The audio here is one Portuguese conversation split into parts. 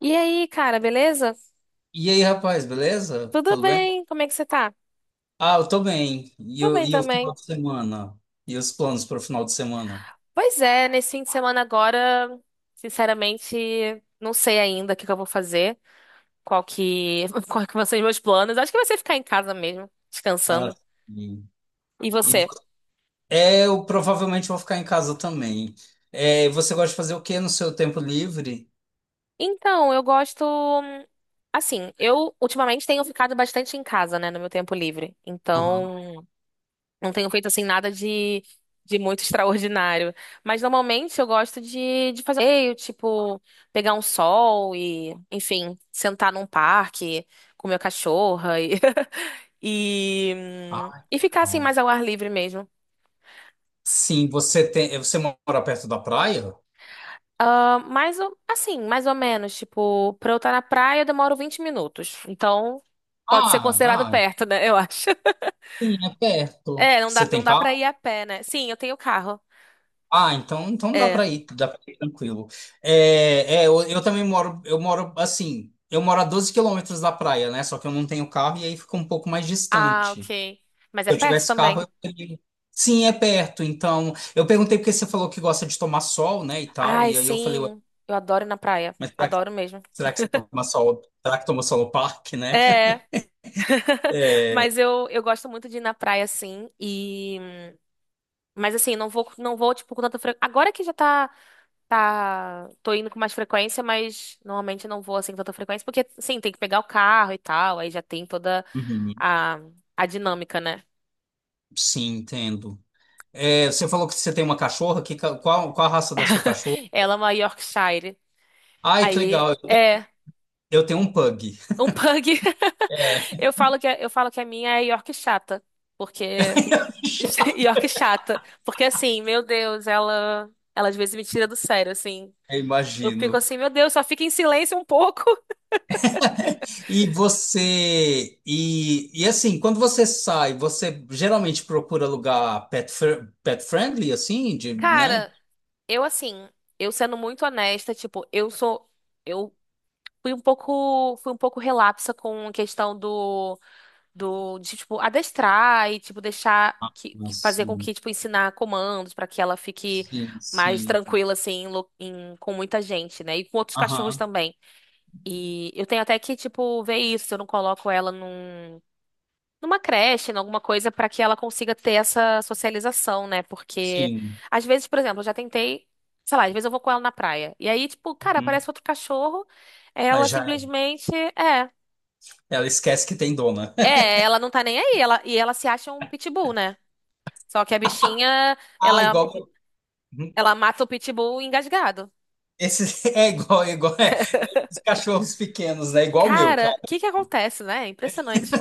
E aí, cara, beleza? E aí, rapaz, beleza? Tudo Tudo bem? bem? Como é que você tá? Ah, eu tô bem. E, Tô bem e o final também. de semana? E os planos para o final de semana? Pois é, nesse fim de semana agora, sinceramente, não sei ainda o que que eu vou fazer, qual que vão ser os meus planos. Acho que vai ser ficar em casa mesmo, Ah, descansando. sim. E E, vo- você? Eu provavelmente vou ficar em casa também. É, você gosta de fazer o quê no seu tempo livre? Então, eu gosto, assim, eu ultimamente tenho ficado bastante em casa, né, no meu tempo livre. Aham. Então, não tenho feito assim nada de muito extraordinário. Mas normalmente eu gosto de fazer passeio, tipo, pegar um sol e, enfim, sentar num parque com meu cachorro e, Ah, e ficar assim não. mais ao ar livre mesmo. Sim, você mora perto da praia? Ah, mas eu- assim, mais ou menos, tipo, pra eu estar na praia eu demoro 20 minutos. Então, pode ser Ah, considerado ah, perto, né? Eu acho. sim, é perto. É, Você tem não dá pra carro? ir a pé, né? Sim, eu tenho carro. Ah, então, É. Dá para ir tranquilo. Eu também moro, eu moro a 12 quilômetros da praia, né? Só que eu não tenho carro e aí fica um pouco mais Ah, distante. Se ok. Mas é eu perto tivesse carro, também. eu teria. Sim, é perto. Então, eu perguntei porque você falou que gosta de tomar sol, né, e tal, Ai, e aí eu falei, ué, sim. Eu adoro ir na praia. mas Adoro mesmo. será que você toma sol? Será que toma sol no parque, né? É, É, mas eu gosto muito de ir na praia, sim, e... Mas assim, não vou, tipo, com tanta frequência... Agora que já tá, tá... Tô indo com mais frequência, mas normalmente eu não vou, assim, com tanta frequência, porque, sim, tem que pegar o carro e tal, aí já tem toda uhum, a, a dinâmica, né? sim, entendo. É, você falou que você tem uma cachorra, qual a raça da sua cachorra? Ela é uma Yorkshire. Ai, que Aí, legal, é, eu tenho um pug. um pug. É, Eu falo que, eu falo que a minha é York chata, porque... já E ó que chata. Porque assim, meu Deus, ela às vezes me tira do sério, assim. Eu fico imagino. assim, meu Deus, só fica em silêncio um pouco. E você. E assim, quando você sai, você geralmente procura lugar pet friendly, assim, de, né? Cara, eu assim, eu sendo muito honesta, tipo, eu sou, eu fui um pouco relapsa com a questão tipo, adestrar e, tipo, deixar, que, fazer com Assim, que, tipo, ensinar comandos pra que ela fique mais sim. tranquila, assim, em lo- em- com muita gente, né? E com outros cachorros Aham, também. E eu tenho até que, tipo, ver isso, se eu não coloco ela numa creche, em alguma coisa, pra que ela consiga ter essa socialização, né? Porque, sim. às vezes, por exemplo, eu já tentei, sei lá, às vezes eu vou com ela na praia. E aí, tipo, cara, Uhum. aparece outro cachorro, Aí ela já simplesmente é. ela esquece que tem dona. É, ela não tá nem aí, ela, e ela se acha um pitbull, né? Só que a bichinha, Ah, ela, igual. Uhum. ela mata o pitbull engasgado. Esse é igual, é. Os cachorros pequenos, né? Igual o meu, Cara, o cara. que que acontece, né? É impressionante.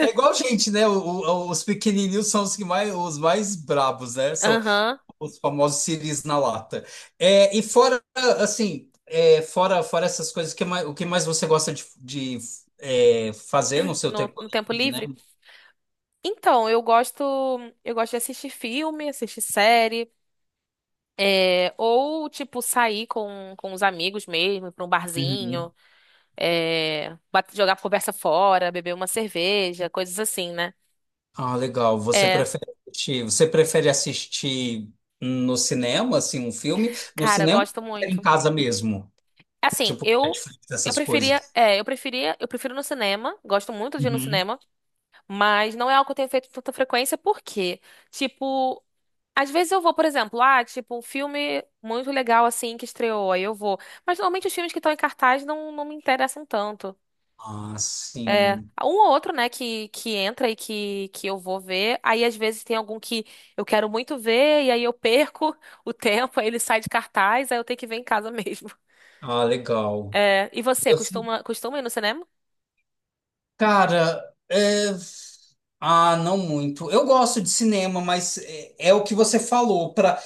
É igual gente, né? Os pequenininhos são os que mais, os mais brabos, né? São, Aham, os famosos siris na lata. É, e fora, assim, é, fora, fora essas coisas, o que mais você gosta de, fazer no seu tempo no tempo livre, né? livre. Então, eu gosto de assistir filme, assistir série, é, ou tipo sair com os amigos mesmo, ir pra um barzinho, Uhum. é, bate- jogar conversa fora, beber uma cerveja, coisas assim, né? Ah, legal. É, Você prefere assistir no cinema, assim, um filme? No cara, eu cinema ou gosto prefere em muito. casa mesmo? Assim, Tipo, Netflix, eu essas preferia, coisas. é, eu preferia, eu prefiro no cinema, gosto muito de ir no Uhum. cinema, mas não é algo que eu tenho feito com tanta frequência, porque, tipo, às vezes eu vou, por exemplo, ah, tipo, um filme muito legal assim que estreou, aí eu vou. Mas normalmente os filmes que estão em cartaz não, não me interessam tanto. Ah, sim. Um ou outro, né, que entra e que eu vou ver. Aí às vezes tem algum que eu quero muito ver, e aí eu perco o tempo, aí ele sai de cartaz, aí eu tenho que ver em casa mesmo. Ah, legal. É, e você, Eu sei. Costuma ir no cinema? Cara, é, ah, não muito. Eu gosto de cinema, mas é o que você falou. Para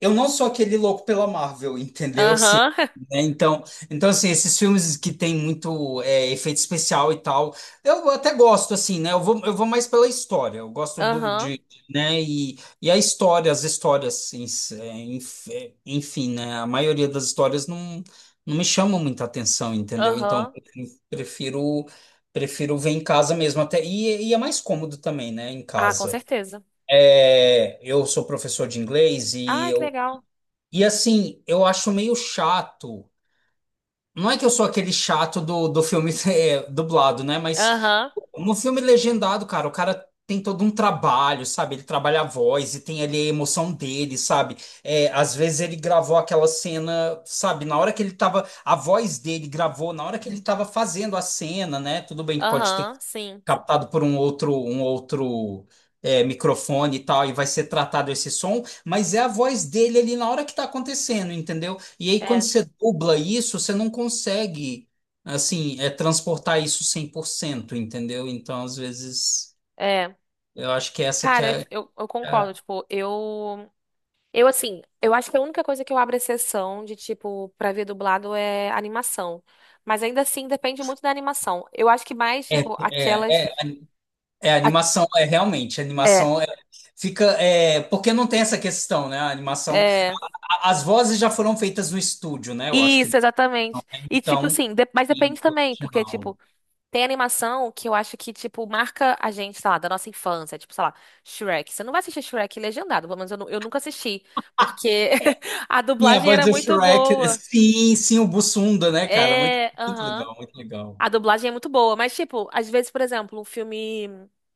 eu não sou aquele louco pela Marvel, entendeu? Assim, Aham, né? Então, assim, esses filmes que tem muito efeito especial e tal, eu até gosto, assim, né? Eu vou mais pela história, eu gosto do, aham, de, né? E, as histórias, em si, enfim, né? A maioria das histórias não me chamam muita atenção, entendeu? Então, aham. Prefiro, prefiro ver em casa mesmo, até, e é mais cômodo também, né? Em Ah, com casa. certeza. É, eu sou professor de inglês e Ah, que eu legal. e assim, eu acho meio chato. Não é que eu sou aquele chato do filme eh, dublado, né? Mas Aham, no filme legendado, cara, o cara tem todo um trabalho, sabe? Ele trabalha a voz e tem ali a emoção dele, sabe? É, às vezes ele gravou aquela cena, sabe? Na hora que ele tava. A voz dele gravou, na hora que ele tava fazendo a cena, né? Tudo bem que pode ter aham, sim. captado por um outro microfone e tal, e vai ser tratado esse som, mas é a voz dele ali na hora que tá acontecendo, entendeu? E aí quando É, você dubla isso, você não consegue, assim, transportar isso 100% entendeu? Então, às vezes, é. eu acho que essa que Cara, é... eu concordo, tipo, eu. Eu, assim, eu acho que a única coisa que eu abro exceção de, tipo, pra ver dublado é animação. Mas ainda assim, depende muito da animação. Eu acho que mais, É, tipo, aquelas. é, é, é a a- animação, é realmente, a É, animação é, fica, é, porque não tem essa questão, né? A animação, é. As vozes já foram feitas no estúdio, né? Eu acho que Isso, exatamente. E, tipo, então, assim, de- mas e depende também, porque, original. tipo, tem animação que eu acho que, tipo, marca a gente, sei lá, da nossa infância. Tipo, sei lá, Shrek. Você não vai assistir Shrek legendado, pelo menos eu, eu nunca assisti, porque a Sim, a dublagem voz era do muito Shrek. boa. Sim, sim, o Bussunda, né, cara? Muito, É, muito aham. legal, muito legal. A dublagem é muito boa, mas, tipo, às vezes, por exemplo, um filme.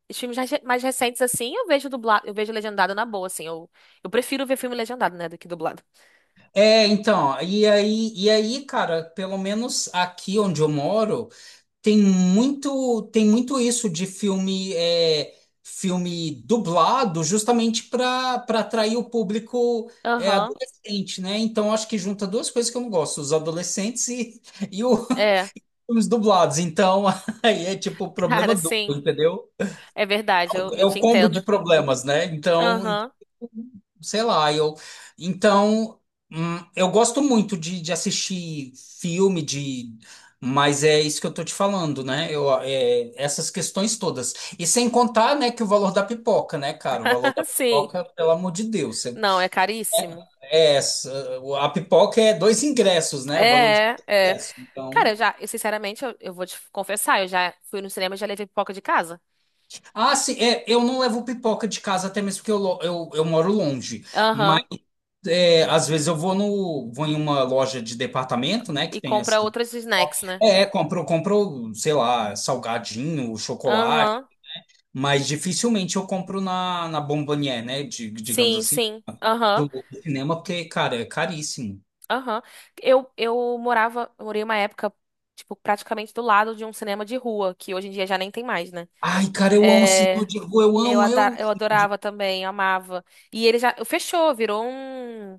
Os filmes mais recentes, assim, eu vejo dublado, eu vejo legendado na boa, assim. Eu prefiro ver filme legendado, né, do que dublado. É, então, e aí, cara, pelo menos aqui onde eu moro, tem muito isso de filme, filme dublado, justamente para atrair o público Aham. adolescente, né? Então, acho que junta duas coisas que eu não gosto, os adolescentes e, e os É, filmes dublados. Então, aí é tipo problema cara, duplo, sim. entendeu? É verdade, É eu te o combo de entendo. problemas, né? Então, Aham, sei lá, eu. Então, eu gosto muito de assistir filme, de. Mas é isso que eu tô te falando, né? Eu, essas questões todas. E sem contar, né, que o valor da pipoca, né, cara? O valor da sim. pipoca, pelo amor de Deus. Você- Não, é caríssimo. É, essa- a pipoca é dois ingressos, né? O valor de É, dois é. ingressos. Cara, Então. eu já, eu, sinceramente, eu vou te confessar, eu já fui no cinema e já levei pipoca de casa. Ah, sim, é, eu não levo pipoca de casa, até mesmo porque eu moro longe. Mas Aham. é, às vezes eu vou no, vou em uma loja de departamento, né? E Que tem compra essa. outros snacks, né? Compro, sei lá, salgadinho, chocolate, Aham. mas dificilmente eu compro na, na Bombonier, né? de- digamos Sim, assim, sim. Aham. Do cinema, porque, cara, é caríssimo. Aham. Eu morava, morei uma época, tipo, praticamente do lado de um cinema de rua, que hoje em dia já nem tem mais, né? Ai, cara, eu amo cinema É, de rua, eu, eu amo eu cinema de... adorava também, amava. E ele já fechou, virou um.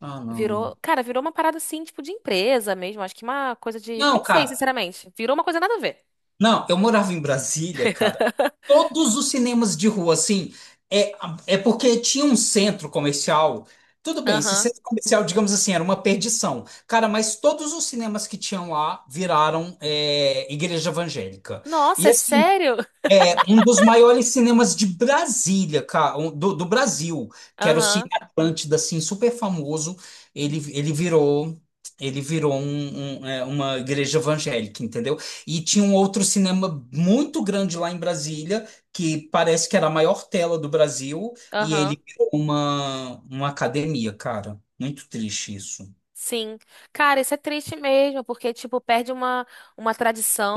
Ah, não. Virou, cara, virou uma parada assim, tipo, de empresa mesmo. Acho que uma coisa de. Não, Nem sei, cara. sinceramente. Virou uma coisa nada a ver. Não, eu morava em Brasília, cara. Todos os cinemas de rua, assim, é, é porque tinha um centro comercial. Tudo bem, esse Aham. centro comercial, digamos assim, era uma perdição. Cara, mas todos os cinemas que tinham lá viraram igreja evangélica. Nossa, E é assim, sério? é um dos maiores cinemas de Brasília, cara, do, do Brasil, que era o Cine Aham, Atlântida, assim, super famoso. Ele, ele virou uma igreja evangélica, entendeu? E tinha um outro cinema muito grande lá em Brasília, que parece que era a maior tela do Brasil, e aham. ele virou uma academia, cara. Muito triste isso. Sim. Cara, isso é triste mesmo, porque, tipo, perde uma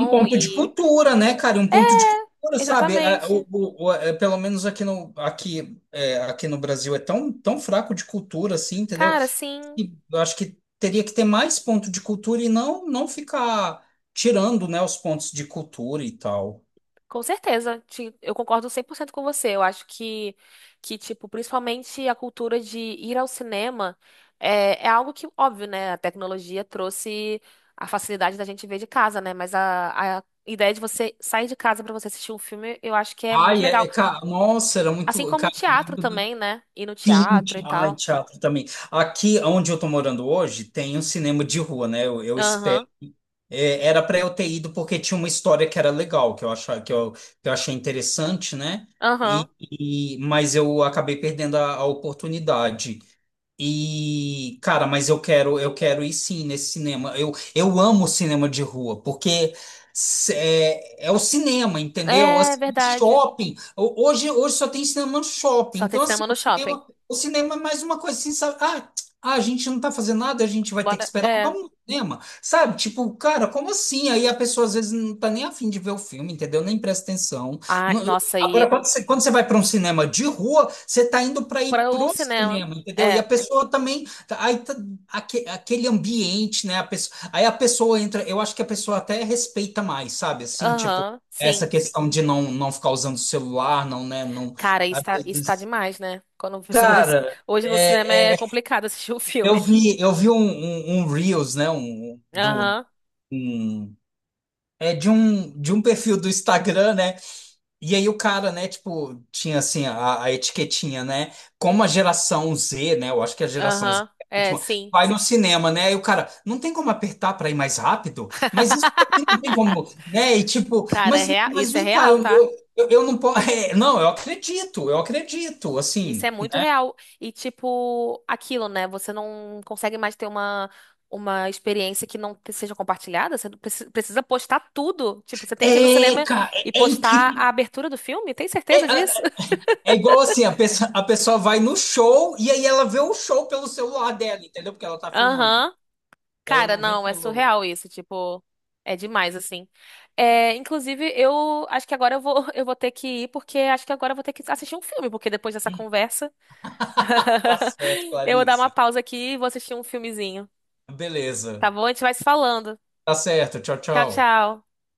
Um ponto de e. cultura, né, cara? Um ponto de cultura, sabe? Exatamente. Pelo menos aqui no, aqui, aqui no Brasil é tão, tão fraco de cultura, assim, entendeu? Cara, sim, E eu acho que teria que ter mais ponto de cultura e não, não ficar tirando, né, os pontos de cultura e tal. com certeza. Eu concordo 100% com você. Eu acho que, tipo, principalmente a cultura de ir ao cinema é, é algo que, óbvio, né? A tecnologia trouxe a facilidade da gente ver de casa, né? Mas a ideia de você sair de casa pra você assistir um filme, eu acho que é muito Ai, é, legal. é, cara, nossa, era Assim muito. como o Cara, eu teatro lembro do. também, né? Ir no Sim, teatro e ai, tal. teatro também. Aqui onde eu tô morando hoje tem um cinema de rua, né? Eu Aham, É, era para eu ter ido porque tinha uma história que era legal, que eu achei interessante, né? aham. Mas eu acabei perdendo a oportunidade. E, cara, mas eu quero ir sim nesse cinema. Eu amo cinema de rua, porque é o cinema, entendeu? É Assim, verdade. shopping. Hoje, hoje só tem cinema no shopping. Só tem Então, assim, cinema no shopping. O cinema é mais uma coisa assim, sabe? Ah, ah, a gente não tá fazendo nada, a gente vai ter que Bora. esperar. É. Vamos no cinema. Sabe, tipo, cara, como assim? Aí a pessoa às vezes não tá nem afim de ver o filme, entendeu? Nem presta atenção. Ai, Não- nossa, agora, e quando você vai para um cinema de rua, você tá indo para ir para o pro cinema. cinema, entendeu? E a É. pessoa também, aí tá- aquele ambiente, né? Aí a pessoa entra, eu acho que a pessoa até respeita mais, sabe? Assim, tipo, Aham, essa sim. questão de não, não ficar usando o celular, não, né? Não, Cara, às isso tá vezes- demais, né? Quando a pessoa vai... cara, Hoje no cinema é é, é, complicado assistir o filme. Eu vi um Reels, né? Um, do. Aham, Um é de um perfil do Instagram, né? E aí o cara, né, tipo, tinha assim a etiquetinha, né? Como a geração Z, né? Eu acho que a geração Z aham. é a É, última, sim. vai no cinema, né? E o cara, não tem como apertar para ir mais rápido, mas isso aqui não tem como, né? E tipo, Cara, é real, mas isso é vem cá, real, tá? Eu não posso. É, não, eu acredito, Isso assim, é muito né? real. E, tipo, aquilo, né? Você não consegue mais ter uma experiência que não te- seja compartilhada. Você não preci- precisa postar tudo. Tipo, você tem que ir no É, cinema cara, e é, é postar a incrível. abertura do filme. Tem certeza disso? É, é igual assim, a pessoa vai no show e aí ela vê o show pelo celular dela, entendeu? Porque ela tá filmando. Aham. Ela Cara, não vê não, é pelo. surreal isso, tipo, é demais, assim. É, inclusive, eu acho que agora eu vou, eu vou ter que ir, porque acho que agora eu vou ter que assistir um filme, porque depois dessa conversa, Tá certo, eu vou dar uma Clarissa. pausa aqui e vou assistir um filmezinho, tá Beleza. bom? A gente vai se falando. Tá certo. Tchau, Tchau, tchau. tchau.